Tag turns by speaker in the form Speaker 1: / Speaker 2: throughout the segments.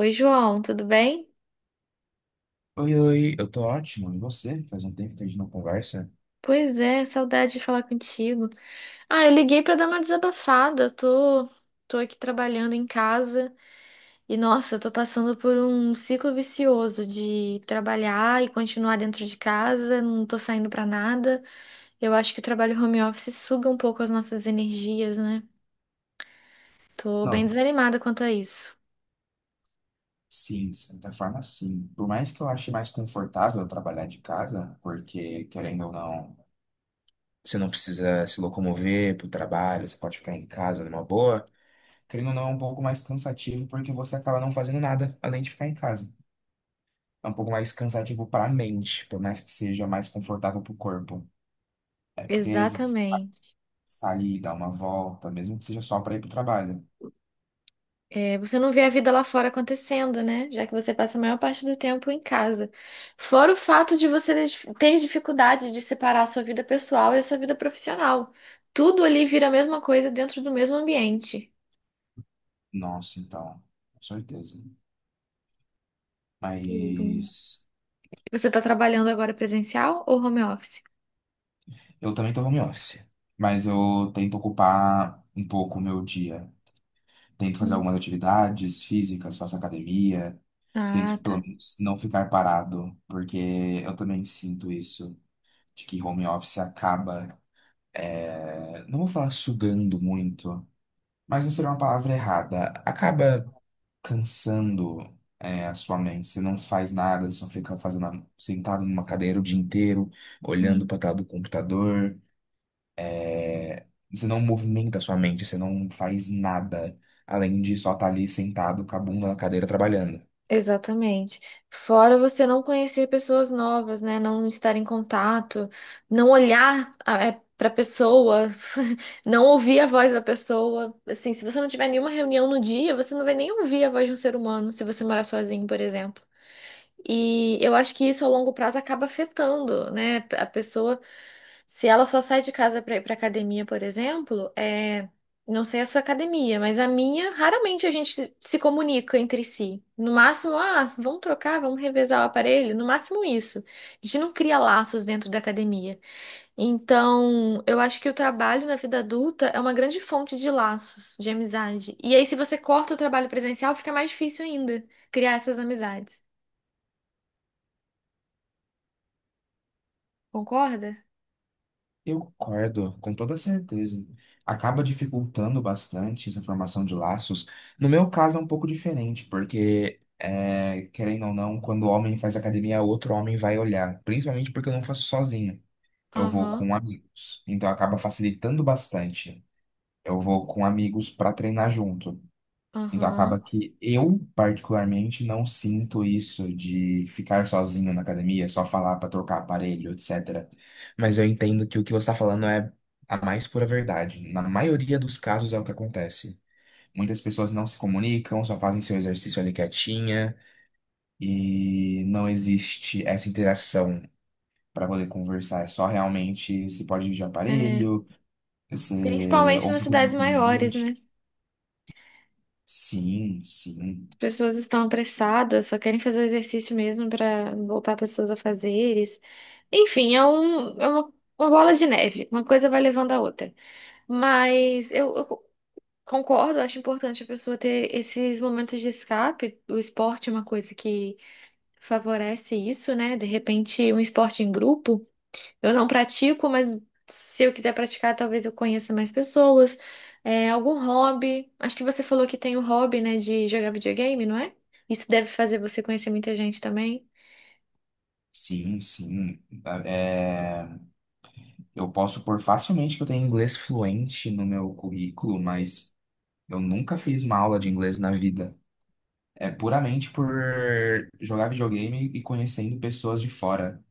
Speaker 1: Oi, João, tudo bem?
Speaker 2: Oi, oi, eu tô ótimo. E você? Faz um tempo que a gente não conversa?
Speaker 1: Pois é, saudade de falar contigo. Ah, eu liguei pra dar uma desabafada. Tô aqui trabalhando em casa e, nossa, eu tô passando por um ciclo vicioso de trabalhar e continuar dentro de casa, não tô saindo pra nada. Eu acho que o trabalho home office suga um pouco as nossas energias, né? Tô bem
Speaker 2: Não,
Speaker 1: desanimada quanto a isso.
Speaker 2: sim, de certa forma, sim. Por mais que eu ache mais confortável trabalhar de casa, porque, querendo ou não, você não precisa se locomover pro trabalho, você pode ficar em casa numa boa. Querendo ou não, é um pouco mais cansativo, porque você acaba não fazendo nada além de ficar em casa. É um pouco mais cansativo para a mente, por mais que seja mais confortável para o corpo. É porque
Speaker 1: Exatamente.
Speaker 2: sair, dar uma volta, mesmo que seja só para ir para o trabalho.
Speaker 1: É, você não vê a vida lá fora acontecendo, né? Já que você passa a maior parte do tempo em casa. Fora o fato de você ter dificuldade de separar a sua vida pessoal e a sua vida profissional. Tudo ali vira a mesma coisa dentro do mesmo ambiente.
Speaker 2: Nossa, então, com certeza.
Speaker 1: Hum.
Speaker 2: Mas
Speaker 1: Você está trabalhando agora presencial ou home office?
Speaker 2: eu também tô home office, mas eu tento ocupar um pouco o meu dia. Tento fazer
Speaker 1: Hum.
Speaker 2: algumas atividades físicas, faço academia,
Speaker 1: Ah,
Speaker 2: tento pelo
Speaker 1: tá.
Speaker 2: menos não ficar parado, porque eu também sinto isso, de que home office acaba não vou falar sugando muito, mas não seria uma palavra errada. Acaba cansando, a sua mente. Você não faz nada, só fica fazendo, sentado numa cadeira o dia inteiro, olhando
Speaker 1: Hum.
Speaker 2: para tela do computador. É, você não movimenta a sua mente, você não faz nada além de só estar ali sentado com a bunda na cadeira trabalhando.
Speaker 1: Exatamente. Fora você não conhecer pessoas novas, né? Não estar em contato, não olhar para a pessoa, não ouvir a voz da pessoa. Assim, se você não tiver nenhuma reunião no dia, você não vai nem ouvir a voz de um ser humano, se você morar sozinho, por exemplo. E eu acho que isso a longo prazo acaba afetando, né? A pessoa, se ela só sai de casa para ir para academia, por exemplo, é... não sei a sua academia, mas a minha, raramente a gente se comunica entre si. No máximo, ah, vamos trocar, vamos revezar o aparelho, no máximo isso. A gente não cria laços dentro da academia. Então, eu acho que o trabalho na vida adulta é uma grande fonte de laços, de amizade. E aí, se você corta o trabalho presencial, fica mais difícil ainda criar essas amizades. Concorda?
Speaker 2: Eu concordo, com toda certeza. Acaba dificultando bastante essa formação de laços. No meu caso é um pouco diferente, porque, querendo ou não, quando o homem faz academia, outro homem vai olhar. Principalmente porque eu não faço sozinho. Eu vou
Speaker 1: Aham,
Speaker 2: com amigos. Então acaba facilitando bastante. Eu vou com amigos para treinar junto. Então acaba
Speaker 1: aham.
Speaker 2: que eu, particularmente, não sinto isso de ficar sozinho na academia, só falar para trocar aparelho, etc. Mas eu entendo que o que você está falando é a mais pura verdade. Na maioria dos casos é o que acontece. Muitas pessoas não se comunicam, só fazem seu exercício ali quietinha e não existe essa interação para poder conversar. É só realmente se pode ir de
Speaker 1: É.
Speaker 2: aparelho, você
Speaker 1: Principalmente
Speaker 2: ou
Speaker 1: nas
Speaker 2: você tem
Speaker 1: cidades
Speaker 2: um
Speaker 1: maiores,
Speaker 2: cliente.
Speaker 1: né?
Speaker 2: Sim, sim.
Speaker 1: Pessoas estão apressadas, só querem fazer o exercício mesmo para voltar pessoas a fazeres. Enfim, é, um, é uma bola de neve, uma coisa vai levando a outra. Mas eu concordo, acho importante a pessoa ter esses momentos de escape. O esporte é uma coisa que favorece isso, né? De repente, um esporte em grupo. Eu não pratico, mas se eu quiser praticar, talvez eu conheça mais pessoas. É, algum hobby. Acho que você falou que tem o hobby, né, de jogar videogame, não é? Isso deve fazer você conhecer muita gente também.
Speaker 2: Sim, sim. É, eu posso pôr facilmente que eu tenho inglês fluente no meu currículo, mas eu nunca fiz uma aula de inglês na vida. É puramente por jogar videogame e conhecendo pessoas de fora.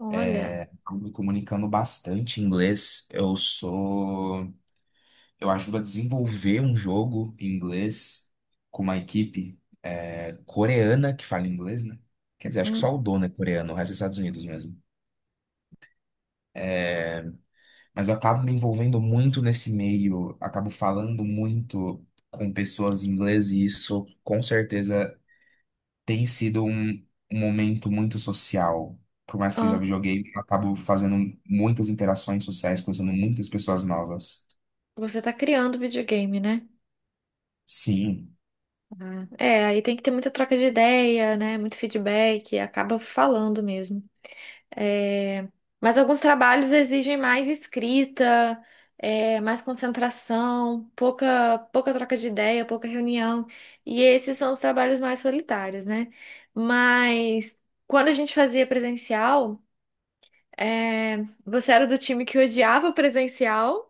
Speaker 1: Olha,
Speaker 2: Eu me comunicando bastante em inglês. Eu sou. Eu ajudo a desenvolver um jogo em inglês com uma equipe coreana que fala inglês, né? Quer dizer, acho que só o
Speaker 1: hum,
Speaker 2: dono é coreano, o resto é Estados Unidos mesmo. Mas eu acabo me envolvendo muito nesse meio, acabo falando muito com pessoas em inglês e isso com certeza tem sido um momento muito social. Por mais que
Speaker 1: ó,
Speaker 2: seja videogame, eu acabo fazendo muitas interações sociais, conhecendo muitas pessoas novas.
Speaker 1: você tá criando videogame, né?
Speaker 2: Sim.
Speaker 1: Ah, é, aí tem que ter muita troca de ideia, né? Muito feedback, acaba falando mesmo. É, mas alguns trabalhos exigem mais escrita, mais concentração, pouca troca de ideia, pouca reunião. E esses são os trabalhos mais solitários, né? Mas quando a gente fazia presencial, é, você era do time que odiava o presencial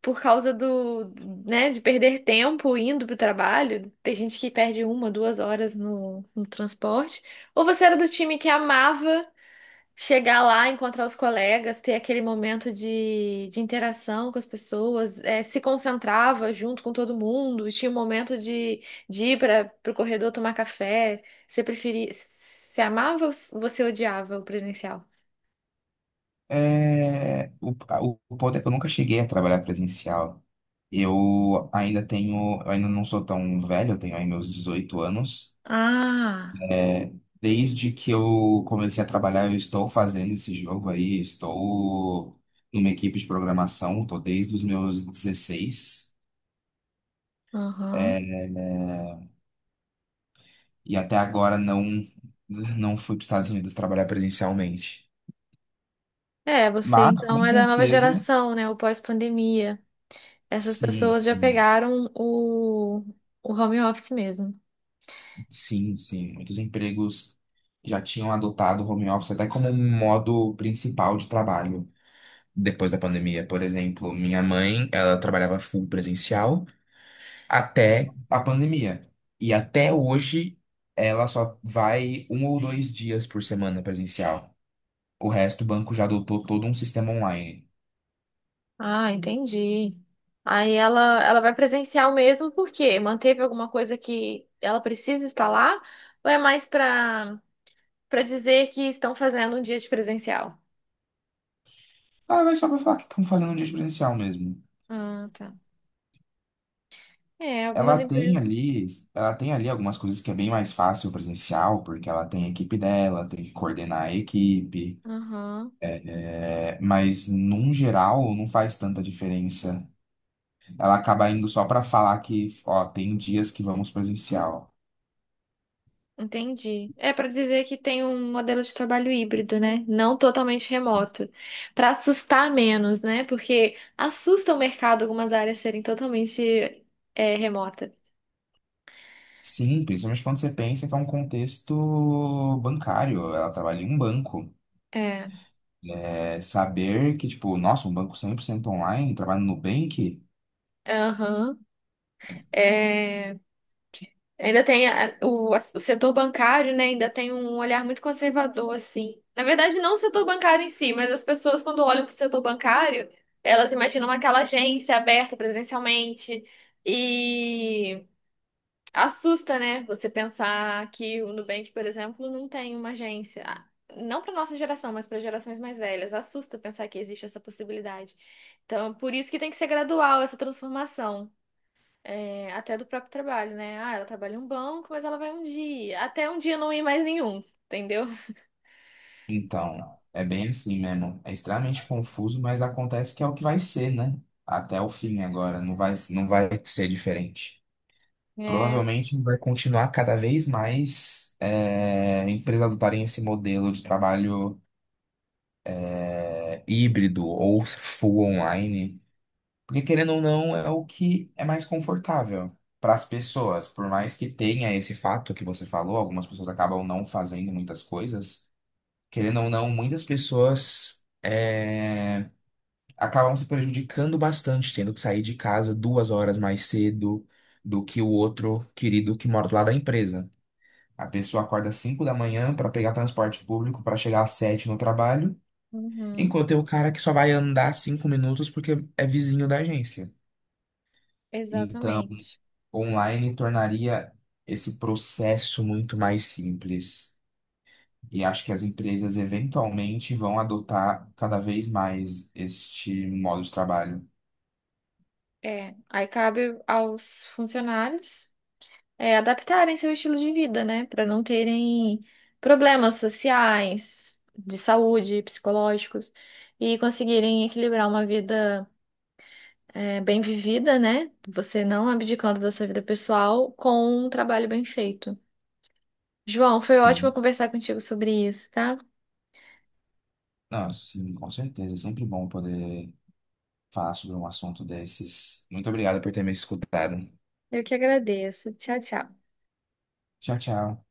Speaker 1: por causa do, né, de perder tempo indo para o trabalho. Tem gente que perde uma, duas horas no transporte. Ou você era do time que amava. Chegar lá, encontrar os colegas, ter aquele momento de interação com as pessoas, se concentrava junto com todo mundo, e tinha um momento de ir para o corredor tomar café. Você preferia, você amava ou você odiava o presencial?
Speaker 2: O ponto é que eu nunca cheguei a trabalhar presencial. Eu ainda não sou tão velho, eu tenho aí meus 18 anos.
Speaker 1: Ah,
Speaker 2: Desde que eu comecei a trabalhar, eu estou fazendo esse jogo aí, estou numa equipe de programação, estou desde os meus 16.
Speaker 1: aham.
Speaker 2: eh, e até agora não fui para os Estados Unidos trabalhar presencialmente.
Speaker 1: É, você
Speaker 2: Mas,
Speaker 1: então
Speaker 2: com
Speaker 1: é da nova
Speaker 2: certeza,
Speaker 1: geração, né? O pós-pandemia. Essas
Speaker 2: sim,
Speaker 1: pessoas já
Speaker 2: sim,
Speaker 1: pegaram o home office mesmo.
Speaker 2: sim, sim. Muitos empregos já tinham adotado o home office até como um modo principal de trabalho depois da pandemia. Por exemplo, minha mãe, ela trabalhava full presencial até a pandemia. E até hoje, ela só vai um ou dois dias por semana presencial. O resto, o banco já adotou todo um sistema online.
Speaker 1: Ah, entendi. Aí ela vai presencial mesmo, por quê? Manteve alguma coisa que ela precisa estar lá? Ou é mais para para dizer que estão fazendo um dia de presencial?
Speaker 2: Ah, mas só pra falar que estão fazendo um dia de presencial mesmo.
Speaker 1: Ah, tá. É, algumas
Speaker 2: Ela tem
Speaker 1: empresas.
Speaker 2: ali, ela tem ali algumas coisas que é bem mais fácil presencial, porque ela tem a equipe dela, tem que coordenar a equipe.
Speaker 1: Aham,
Speaker 2: É, mas num geral não faz tanta diferença. Ela acaba indo só pra falar que, ó, tem dias que vamos presencial.
Speaker 1: entendi. É para dizer que tem um modelo de trabalho híbrido, né? Não totalmente remoto. Para assustar menos, né? Porque assusta o mercado algumas áreas serem totalmente remota.
Speaker 2: Sim, principalmente quando você pensa que é um contexto bancário, ela trabalha em um banco.
Speaker 1: É.
Speaker 2: É, saber que, tipo, nossa, um banco 100% online, trabalha no Nubank,
Speaker 1: Aham. É, ainda tem o setor bancário, né? Ainda tem um olhar muito conservador, assim. Na verdade, não o setor bancário em si, mas as pessoas, quando olham para o setor bancário, elas imaginam aquela agência aberta presencialmente. E assusta, né? Você pensar que o Nubank, por exemplo, não tem uma agência. Ah, não para nossa geração, mas para gerações mais velhas. Assusta pensar que existe essa possibilidade. Então, por isso que tem que ser gradual essa transformação. É, até do próprio trabalho, né? Ah, ela trabalha em um banco, mas ela vai um dia. Até um dia não ir mais nenhum, entendeu?
Speaker 2: então, é bem assim mesmo. É extremamente confuso, mas acontece que é o que vai ser, né? Até o fim agora, não vai ser diferente.
Speaker 1: É,
Speaker 2: Provavelmente vai continuar cada vez mais empresas adotarem esse modelo de trabalho híbrido ou full online. Porque querendo ou não, é o que é mais confortável para as pessoas. Por mais que tenha esse fato que você falou, algumas pessoas acabam não fazendo muitas coisas. Querendo ou não, muitas pessoas acabam se prejudicando bastante, tendo que sair de casa 2 horas mais cedo do que o outro querido que mora lá da empresa. A pessoa acorda às 5 da manhã para pegar transporte público para chegar às 7 no trabalho,
Speaker 1: uhum,
Speaker 2: enquanto tem o cara que só vai andar 5 minutos porque é vizinho da agência. Então,
Speaker 1: exatamente.
Speaker 2: online tornaria esse processo muito mais simples. E acho que as empresas eventualmente vão adotar cada vez mais este modo de trabalho.
Speaker 1: Aí cabe aos funcionários adaptarem seu estilo de vida, né? Para não terem problemas sociais, de saúde, psicológicos, e conseguirem equilibrar uma vida bem vivida, né? Você não abdicando da sua vida pessoal com um trabalho bem feito. João, foi ótimo
Speaker 2: Sim,
Speaker 1: conversar contigo sobre isso, tá?
Speaker 2: não, sim, com certeza. É sempre bom poder falar sobre um assunto desses. Muito obrigado por ter me escutado.
Speaker 1: Eu que agradeço. Tchau, tchau.
Speaker 2: Tchau, tchau.